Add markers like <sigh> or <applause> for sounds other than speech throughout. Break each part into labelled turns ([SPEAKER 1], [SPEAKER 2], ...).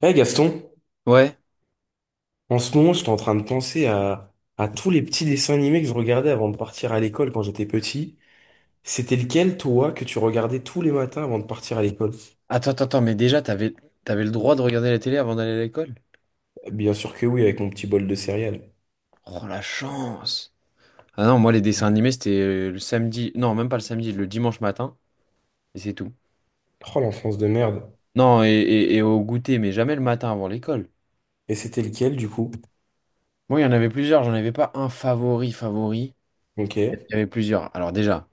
[SPEAKER 1] Eh Gaston,
[SPEAKER 2] Ouais.
[SPEAKER 1] en ce moment, j'étais en train de penser à tous les petits dessins animés que je regardais avant de partir à l'école quand j'étais petit. C'était lequel, toi, que tu regardais tous les matins avant de partir à l'école?
[SPEAKER 2] Attends, attends, attends, mais déjà, t'avais le droit de regarder la télé avant d'aller à l'école?
[SPEAKER 1] Bien sûr que oui, avec mon petit bol de céréales.
[SPEAKER 2] Oh, la chance! Ah non, moi, les dessins animés, c'était le samedi. Non, même pas le samedi, le dimanche matin, et c'est tout.
[SPEAKER 1] Oh, l'enfance de merde.
[SPEAKER 2] Non, et au goûter, mais jamais le matin avant l'école.
[SPEAKER 1] Et c'était lequel, du coup?
[SPEAKER 2] Moi, il y en avait plusieurs, j'en avais pas un favori, favori.
[SPEAKER 1] Ok,
[SPEAKER 2] Il y avait plusieurs. Alors, déjà,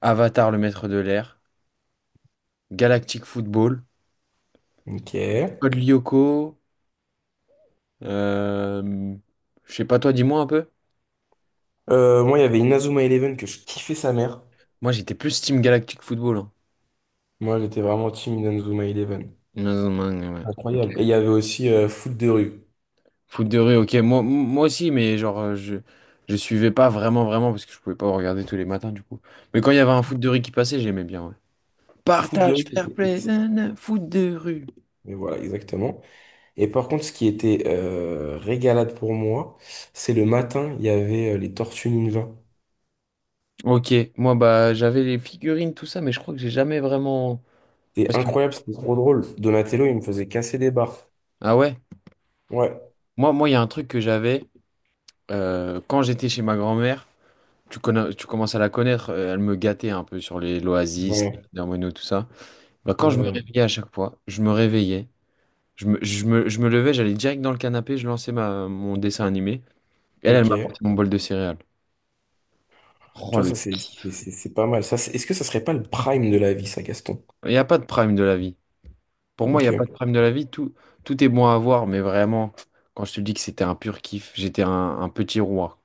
[SPEAKER 2] Avatar, le maître de l'air, Galactic Football,
[SPEAKER 1] ok.
[SPEAKER 2] Code Lyoko, euh, je sais pas, toi, dis-moi un peu.
[SPEAKER 1] Moi, il y avait Inazuma Eleven que je kiffais sa mère.
[SPEAKER 2] Moi, j'étais plus Team Galactic Football.
[SPEAKER 1] Moi, j'étais vraiment team Inazuma Eleven.
[SPEAKER 2] Hein. Ouais.
[SPEAKER 1] Incroyable. Et il y avait aussi Foot de rue.
[SPEAKER 2] Foot de rue, ok. Moi, moi aussi, mais genre, je suivais pas vraiment, vraiment, parce que je pouvais pas regarder tous les matins, du coup. Mais quand il y avait un foot de rue qui passait, j'aimais bien, ouais.
[SPEAKER 1] Foot de
[SPEAKER 2] Partage,
[SPEAKER 1] rue,
[SPEAKER 2] fair
[SPEAKER 1] c'était
[SPEAKER 2] play,
[SPEAKER 1] X.
[SPEAKER 2] nanana, foot de rue.
[SPEAKER 1] Mais voilà, exactement. Et par contre, ce qui était régalade pour moi, c'est le matin, il y avait les Tortues Ninja.
[SPEAKER 2] Ok, moi, bah, j'avais les figurines, tout ça, mais je crois que j'ai jamais vraiment.
[SPEAKER 1] C'était
[SPEAKER 2] Parce que.
[SPEAKER 1] incroyable, c'était trop drôle. Donatello, il me faisait casser des barres.
[SPEAKER 2] Ah ouais?
[SPEAKER 1] Ouais,
[SPEAKER 2] Moi, moi, il y a un truc que j'avais quand j'étais chez ma grand-mère. Tu connais, tu commences à la connaître, elle me gâtait un peu sur les l'Oasis,
[SPEAKER 1] ouais,
[SPEAKER 2] les Hermanos, tout ça. Bah, quand je me
[SPEAKER 1] ouais,
[SPEAKER 2] réveillais à chaque fois, je me réveillais. Je me levais, j'allais direct dans le canapé, je lançais mon dessin animé. Elle,
[SPEAKER 1] ouais.
[SPEAKER 2] elle
[SPEAKER 1] Ok.
[SPEAKER 2] m'apportait mon bol de céréales. Oh,
[SPEAKER 1] Tu vois,
[SPEAKER 2] le
[SPEAKER 1] ça, c'est c'est-
[SPEAKER 2] kiff.
[SPEAKER 1] c'est- c'est pas mal. Est-ce que ça serait pas le prime de la vie, ça, Gaston?
[SPEAKER 2] Il n'y a pas de prime de la vie. Pour moi, il n'y a pas
[SPEAKER 1] Ok.
[SPEAKER 2] de prime de la vie. Tout, tout est bon à avoir, mais vraiment, quand je te dis que c'était un pur kiff, j'étais un petit roi.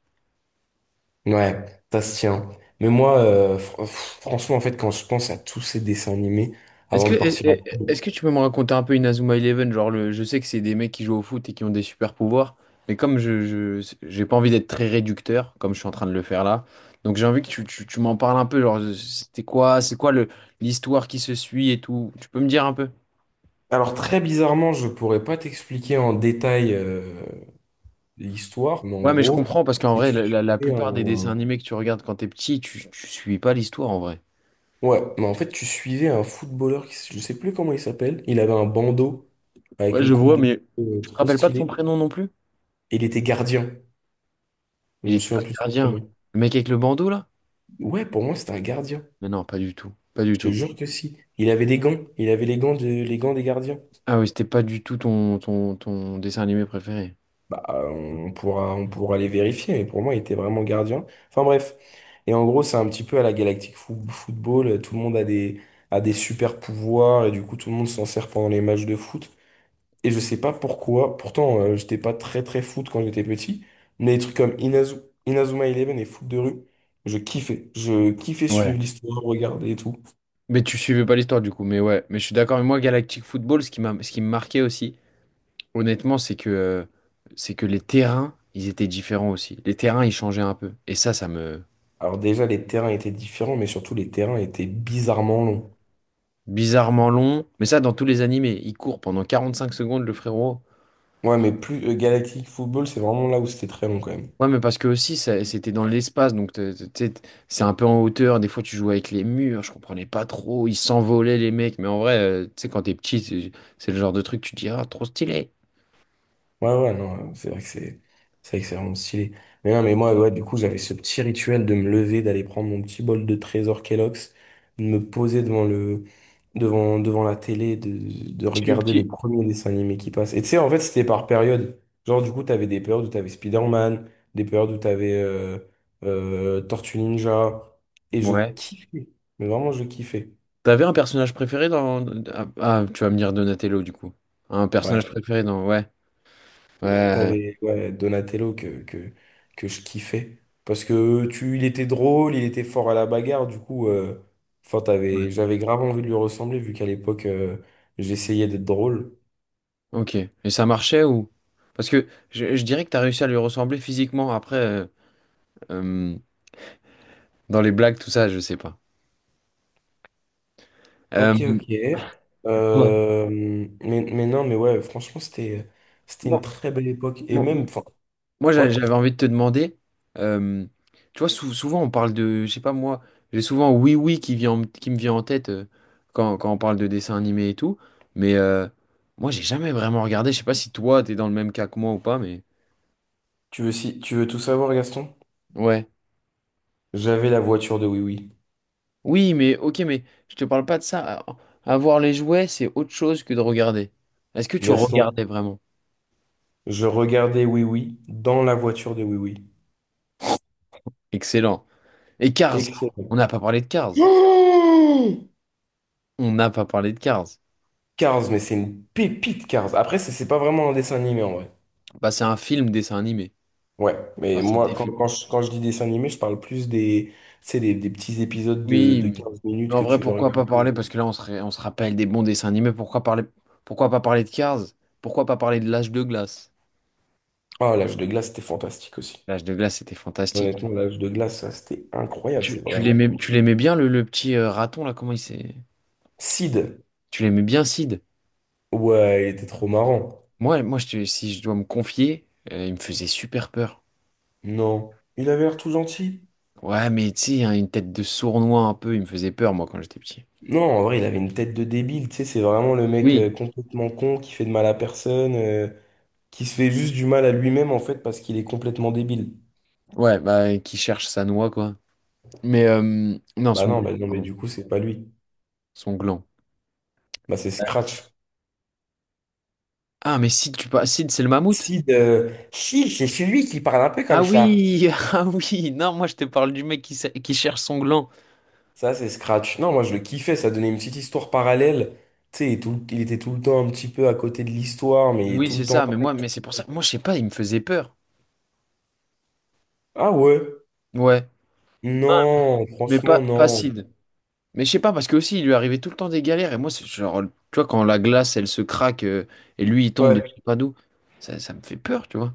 [SPEAKER 1] Ouais, ça se tient. Mais moi, franchement, en fait, quand je pense à tous ces dessins animés
[SPEAKER 2] Est-ce
[SPEAKER 1] avant
[SPEAKER 2] que,
[SPEAKER 1] de partir à
[SPEAKER 2] est-
[SPEAKER 1] l'école,
[SPEAKER 2] ce que tu peux me raconter un peu Inazuma Eleven? Genre, je sais que c'est des mecs qui jouent au foot et qui ont des super pouvoirs, mais comme j'ai pas envie d'être très réducteur, comme je suis en train de le faire là, donc j'ai envie que tu m'en parles un peu. Genre, c'était quoi, c'est quoi l'histoire qui se suit et tout? Tu peux me dire un peu?
[SPEAKER 1] alors très bizarrement, je pourrais pas t'expliquer en détail, l'histoire, mais en
[SPEAKER 2] Ouais, mais je
[SPEAKER 1] gros,
[SPEAKER 2] comprends parce qu'en
[SPEAKER 1] c'est
[SPEAKER 2] vrai,
[SPEAKER 1] tu
[SPEAKER 2] la
[SPEAKER 1] suivais
[SPEAKER 2] plupart des dessins
[SPEAKER 1] un...
[SPEAKER 2] animés que tu regardes quand t'es petit, tu suis pas l'histoire en vrai.
[SPEAKER 1] Ouais, mais en fait, tu suivais un footballeur, qui, je sais plus comment il s'appelle, il avait un bandeau avec
[SPEAKER 2] Ouais,
[SPEAKER 1] une
[SPEAKER 2] je
[SPEAKER 1] coupe
[SPEAKER 2] vois,
[SPEAKER 1] de...
[SPEAKER 2] mais tu te
[SPEAKER 1] trop
[SPEAKER 2] rappelles pas de son
[SPEAKER 1] stylée,
[SPEAKER 2] prénom non plus?
[SPEAKER 1] et il était gardien, je
[SPEAKER 2] Il
[SPEAKER 1] me
[SPEAKER 2] était pas
[SPEAKER 1] souviens plus de son
[SPEAKER 2] gardien.
[SPEAKER 1] prénom.
[SPEAKER 2] Le mec avec le bandeau là?
[SPEAKER 1] Ouais, pour moi, c'était un gardien,
[SPEAKER 2] Mais non, pas du tout. Pas du
[SPEAKER 1] je te
[SPEAKER 2] tout.
[SPEAKER 1] jure que si. Il avait des gants, il avait les gants, de... les gants des gardiens.
[SPEAKER 2] Ah oui, c'était pas du tout ton dessin animé préféré.
[SPEAKER 1] Bah, on pourra les vérifier, mais pour moi, il était vraiment gardien. Enfin bref. Et en gros, c'est un petit peu à la Galactic Football. Tout le monde a des super pouvoirs et du coup, tout le monde s'en sert pendant les matchs de foot. Et je sais pas pourquoi. Pourtant, j'étais pas très très foot quand j'étais petit. Mais des trucs comme Inazuma Eleven et foot de rue, je kiffais. Je kiffais
[SPEAKER 2] Ouais.
[SPEAKER 1] suivre l'histoire, regarder et tout.
[SPEAKER 2] Mais tu suivais pas l'histoire du coup, mais ouais, mais je suis d'accord. Mais moi, Galactic Football, ce qui me marquait aussi, honnêtement, c'est que les terrains, ils étaient différents aussi. Les terrains, ils changeaient un peu. Et ça me.
[SPEAKER 1] Alors déjà, les terrains étaient différents, mais surtout, les terrains étaient bizarrement longs.
[SPEAKER 2] Bizarrement long, mais ça, dans tous les animés, il court pendant 45 secondes, le frérot.
[SPEAKER 1] Ouais, mais plus Galactic Football, c'est vraiment là où c'était très long quand même.
[SPEAKER 2] Ouais, mais parce que aussi, c'était dans l'espace, donc t'sais, c'est un peu en hauteur. Des fois, tu jouais avec les murs, je comprenais pas trop. Ils s'envolaient, les mecs. Mais en vrai, tu sais, quand t'es petit, c'est le genre de truc, tu te dis, ah, trop stylé.
[SPEAKER 1] Ouais, ouais, non, c'est vrai que c'est vrai que c'est vraiment stylé. Mais non, mais moi, ouais, du coup, j'avais ce petit rituel de me lever, d'aller prendre mon petit bol de trésor Kellogg's, de me poser devant devant la télé, de
[SPEAKER 2] Je suis
[SPEAKER 1] regarder le
[SPEAKER 2] petit.
[SPEAKER 1] premier dessin animé qui passe. Et tu sais, en fait, c'était par période. Genre, du coup, t'avais des périodes où t'avais Spider-Man, des périodes où t'avais Tortue Ninja, et je
[SPEAKER 2] Ouais.
[SPEAKER 1] kiffais. Mais vraiment, je kiffais.
[SPEAKER 2] T'avais un personnage préféré dans. Ah, ah, tu vas me dire Donatello, du coup. Un personnage
[SPEAKER 1] Ouais.
[SPEAKER 2] préféré dans. Ouais. Ouais.
[SPEAKER 1] T'avais ouais, Donatello que je kiffais. Parce que il était drôle, il était fort à la bagarre, du coup,
[SPEAKER 2] Ouais.
[SPEAKER 1] j'avais grave envie de lui ressembler, vu qu'à l'époque, j'essayais d'être drôle.
[SPEAKER 2] Ok. Et ça marchait ou. Parce que je dirais que t'as réussi à lui ressembler physiquement. Après, euh, dans les blagues, tout ça, je sais pas. Euh,
[SPEAKER 1] Ok, ok.
[SPEAKER 2] Ouais.
[SPEAKER 1] Euh, mais non, mais ouais, franchement, c'était une très belle époque. Et même,
[SPEAKER 2] Bon.
[SPEAKER 1] enfin,
[SPEAKER 2] Moi,
[SPEAKER 1] ouais,
[SPEAKER 2] j'avais envie de te demander, euh, tu vois, souvent on parle de, je sais pas moi, j'ai souvent Oui Oui qui vient, qui me vient en tête quand on parle de dessins animés et tout, mais moi, j'ai jamais vraiment regardé, je sais pas si toi, t'es dans le même cas que moi ou pas, mais...
[SPEAKER 1] tu veux, si, tu veux tout savoir, Gaston?
[SPEAKER 2] Ouais.
[SPEAKER 1] J'avais la voiture de Oui Oui.
[SPEAKER 2] Oui, mais ok, mais je te parle pas de ça. Avoir les jouets, c'est autre chose que de regarder. Est-ce que tu
[SPEAKER 1] Gaston,
[SPEAKER 2] regardais vraiment?
[SPEAKER 1] je regardais Oui Oui dans la voiture de Oui Oui.
[SPEAKER 2] Excellent. Et Cars, on
[SPEAKER 1] Excellent.
[SPEAKER 2] n'a pas parlé de Cars.
[SPEAKER 1] <gasps>
[SPEAKER 2] On n'a pas parlé de Cars.
[SPEAKER 1] Cars, mais c'est une pépite Cars. Après, c'est pas vraiment un dessin animé en vrai.
[SPEAKER 2] Bah, c'est un film dessin animé.
[SPEAKER 1] Ouais, mais
[SPEAKER 2] Enfin, c'est
[SPEAKER 1] moi,
[SPEAKER 2] des
[SPEAKER 1] quand,
[SPEAKER 2] films.
[SPEAKER 1] quand je, quand je dis dessin animé, je parle plus des, tu sais, des petits épisodes
[SPEAKER 2] Oui,
[SPEAKER 1] de 15
[SPEAKER 2] mais
[SPEAKER 1] minutes
[SPEAKER 2] en
[SPEAKER 1] que
[SPEAKER 2] vrai,
[SPEAKER 1] tu peux
[SPEAKER 2] pourquoi pas parler?
[SPEAKER 1] regarder.
[SPEAKER 2] Parce que là, on se rappelle des bons dessins animés. Pourquoi parler... pourquoi pas parler de Cars? Pourquoi pas parler de l'âge de glace?
[SPEAKER 1] Ah, l'âge de glace, c'était fantastique aussi.
[SPEAKER 2] L'âge de glace, c'était fantastique.
[SPEAKER 1] Honnêtement, l'âge de glace, ça, c'était incroyable.
[SPEAKER 2] Tu,
[SPEAKER 1] C'est
[SPEAKER 2] tu
[SPEAKER 1] vraiment
[SPEAKER 2] l'aimais,
[SPEAKER 1] cool.
[SPEAKER 2] tu l'aimais bien, le petit raton, là, comment il s'est...
[SPEAKER 1] Sid,
[SPEAKER 2] Tu l'aimais bien, Sid?
[SPEAKER 1] ouais, il était trop marrant.
[SPEAKER 2] Moi, si je dois me confier, il me faisait super peur.
[SPEAKER 1] Non, il avait l'air tout gentil.
[SPEAKER 2] Ouais, mais tu sais, hein, une tête de sournois un peu, il me faisait peur, moi, quand j'étais petit.
[SPEAKER 1] Non, en vrai, il avait une tête de débile. Tu sais, c'est vraiment le mec
[SPEAKER 2] Oui.
[SPEAKER 1] complètement con qui fait de mal à personne, qui se fait juste du mal à lui-même en fait parce qu'il est complètement débile.
[SPEAKER 2] Ouais, bah, qui cherche sa noix, quoi. Mais, non,
[SPEAKER 1] Bah
[SPEAKER 2] son
[SPEAKER 1] non, bah
[SPEAKER 2] gland,
[SPEAKER 1] non, mais
[SPEAKER 2] pardon.
[SPEAKER 1] du coup, c'est pas lui.
[SPEAKER 2] Son gland.
[SPEAKER 1] Bah c'est Scratch.
[SPEAKER 2] Ah, mais Sid, tu pas... Sid, c'est le mammouth?
[SPEAKER 1] Si, c'est celui qui parle un peu
[SPEAKER 2] Ah
[SPEAKER 1] comme ça.
[SPEAKER 2] oui, <laughs> ah oui, non, moi je te parle du mec qui cherche son gland.
[SPEAKER 1] Ça, c'est Scratch. Non, moi, je le kiffais. Ça donnait une petite histoire parallèle. Tu sais, il était tout le temps un petit peu à côté de l'histoire, mais il est
[SPEAKER 2] Oui,
[SPEAKER 1] tout
[SPEAKER 2] c'est
[SPEAKER 1] le temps
[SPEAKER 2] ça, mais
[SPEAKER 1] là.
[SPEAKER 2] moi, mais c'est pour ça, moi, je sais pas, il me faisait peur.
[SPEAKER 1] Ah ouais?
[SPEAKER 2] Ouais,
[SPEAKER 1] Non,
[SPEAKER 2] mais pas,
[SPEAKER 1] franchement,
[SPEAKER 2] pas
[SPEAKER 1] non.
[SPEAKER 2] Sid. Mais je sais pas, parce que aussi, il lui arrivait tout le temps des galères, et moi, c'est genre, tu vois, quand la glace, elle se craque, et lui, il tombe de je
[SPEAKER 1] Ouais.
[SPEAKER 2] sais pas d'où, ça me fait peur, tu vois.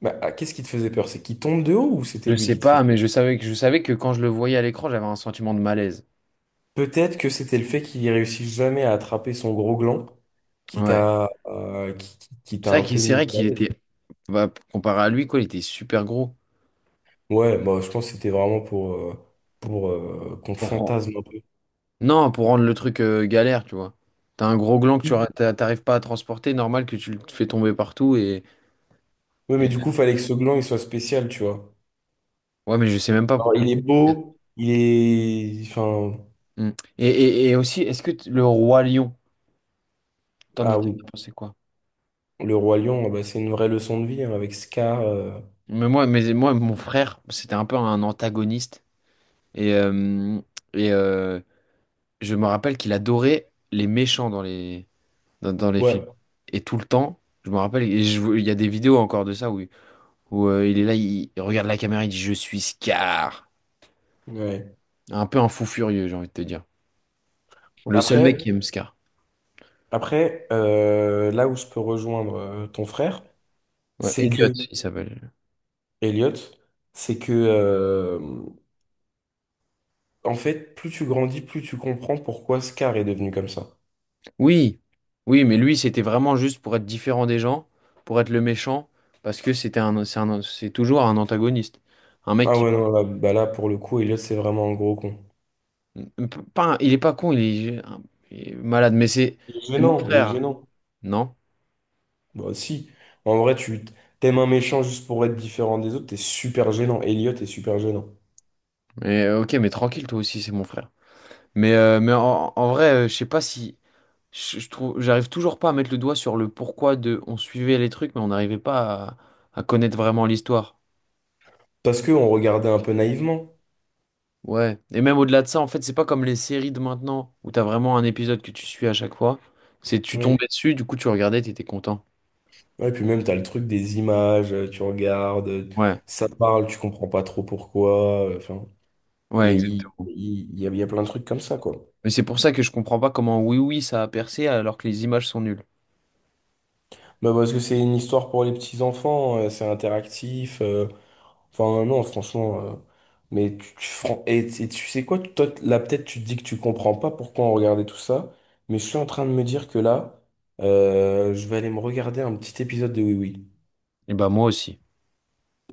[SPEAKER 1] Bah, ah, qu'est-ce qui te faisait peur? C'est qu'il tombe de haut ou c'était
[SPEAKER 2] Je
[SPEAKER 1] lui
[SPEAKER 2] sais
[SPEAKER 1] qui te faisait
[SPEAKER 2] pas, mais je savais que quand je le voyais à l'écran, j'avais un sentiment de malaise.
[SPEAKER 1] Peut-être que c'était le fait qu'il réussisse jamais à attraper son gros gland qui
[SPEAKER 2] Ouais.
[SPEAKER 1] t'a qui t'a un peu
[SPEAKER 2] C'est
[SPEAKER 1] mis
[SPEAKER 2] vrai
[SPEAKER 1] mal
[SPEAKER 2] qu'il
[SPEAKER 1] à l'aise.
[SPEAKER 2] était, bah, comparé à lui, quoi, il était super gros.
[SPEAKER 1] Ouais, bah, je pense que c'était vraiment pour qu'on fantasme un peu.
[SPEAKER 2] Non, pour rendre le truc galère, tu vois. T'as un gros gland que
[SPEAKER 1] Oui,
[SPEAKER 2] t'arrives pas à transporter, normal que tu le fais tomber partout
[SPEAKER 1] ouais, mais
[SPEAKER 2] et-
[SPEAKER 1] du coup, fallait que ce gland il soit spécial, tu vois.
[SPEAKER 2] Ouais, mais je sais même pas
[SPEAKER 1] Alors,
[SPEAKER 2] pourquoi.
[SPEAKER 1] il est
[SPEAKER 2] Est-
[SPEAKER 1] beau, il est. Enfin,
[SPEAKER 2] Mm. Et aussi, est-ce que le roi lion,
[SPEAKER 1] ah
[SPEAKER 2] t'en
[SPEAKER 1] oui,
[SPEAKER 2] as pensé quoi?
[SPEAKER 1] le roi lion, ah bah, c'est une vraie leçon de vie hein, avec Scar,
[SPEAKER 2] Mais moi, mon frère, c'était un peu un antagoniste et euh, et je me rappelle qu'il adorait les méchants dans dans les
[SPEAKER 1] ouais,
[SPEAKER 2] films et tout le temps. Je me rappelle, il y a des vidéos encore de ça où il est là, il regarde la caméra, il dit je suis Scar.
[SPEAKER 1] ouais.
[SPEAKER 2] Un peu un fou furieux, j'ai envie de te dire. Le seul mec
[SPEAKER 1] Après,
[SPEAKER 2] Ok. qui aime Scar.
[SPEAKER 1] après là où je peux rejoindre ton frère,
[SPEAKER 2] Ouais,
[SPEAKER 1] c'est
[SPEAKER 2] Elliot,
[SPEAKER 1] que,
[SPEAKER 2] il s'appelle.
[SPEAKER 1] Elliot, c'est que, en fait, plus tu grandis, plus tu comprends pourquoi Scar est devenu comme ça.
[SPEAKER 2] Oui, oui, mais lui, c'était vraiment juste pour être différent des gens, pour être le méchant, parce que c'était c'est toujours un antagoniste. Un mec
[SPEAKER 1] Ah
[SPEAKER 2] qui.
[SPEAKER 1] ouais, non, là, bah là, pour le coup, Elliot, c'est vraiment un gros con.
[SPEAKER 2] Pas un- Il est pas con, il est malade, mais c'est
[SPEAKER 1] Il est
[SPEAKER 2] c'est mon
[SPEAKER 1] gênant, il est
[SPEAKER 2] frère.
[SPEAKER 1] gênant.
[SPEAKER 2] Non?
[SPEAKER 1] Bah si, en vrai, tu t'aimes un méchant juste pour être différent des autres, t'es super gênant. Elliot est super gênant.
[SPEAKER 2] Mais ok, mais tranquille, toi aussi, c'est mon frère. Mais en vrai, je sais pas si. Je trouve, j'arrive toujours pas à mettre le doigt sur le pourquoi de. On suivait les trucs, mais on n'arrivait pas à connaître vraiment l'histoire.
[SPEAKER 1] Parce que on regardait un peu naïvement.
[SPEAKER 2] Ouais, et même au-delà de ça, en fait, c'est pas comme les séries de maintenant où t'as vraiment un épisode que tu suis à chaque fois. C'est tu
[SPEAKER 1] Oui.
[SPEAKER 2] tombais dessus, du coup tu regardais, t'étais content.
[SPEAKER 1] Ouais, puis même, t'as le truc des images, tu regardes,
[SPEAKER 2] Ouais,
[SPEAKER 1] ça parle, tu comprends pas trop pourquoi, enfin,
[SPEAKER 2] ouais, exact.
[SPEAKER 1] il y a plein de trucs comme ça, quoi.
[SPEAKER 2] Mais c'est pour ça que je comprends pas comment Oui Oui ça a percé alors que les images sont nulles.
[SPEAKER 1] Bah parce que c'est une histoire pour les petits-enfants, c'est interactif. Enfin, non, franchement, mais et tu sais quoi, toi, là, peut-être tu te dis que tu comprends pas pourquoi on regardait tout ça, mais je suis en train de me dire que là, je vais aller me regarder un petit épisode de Oui Oui.
[SPEAKER 2] Et bah moi aussi.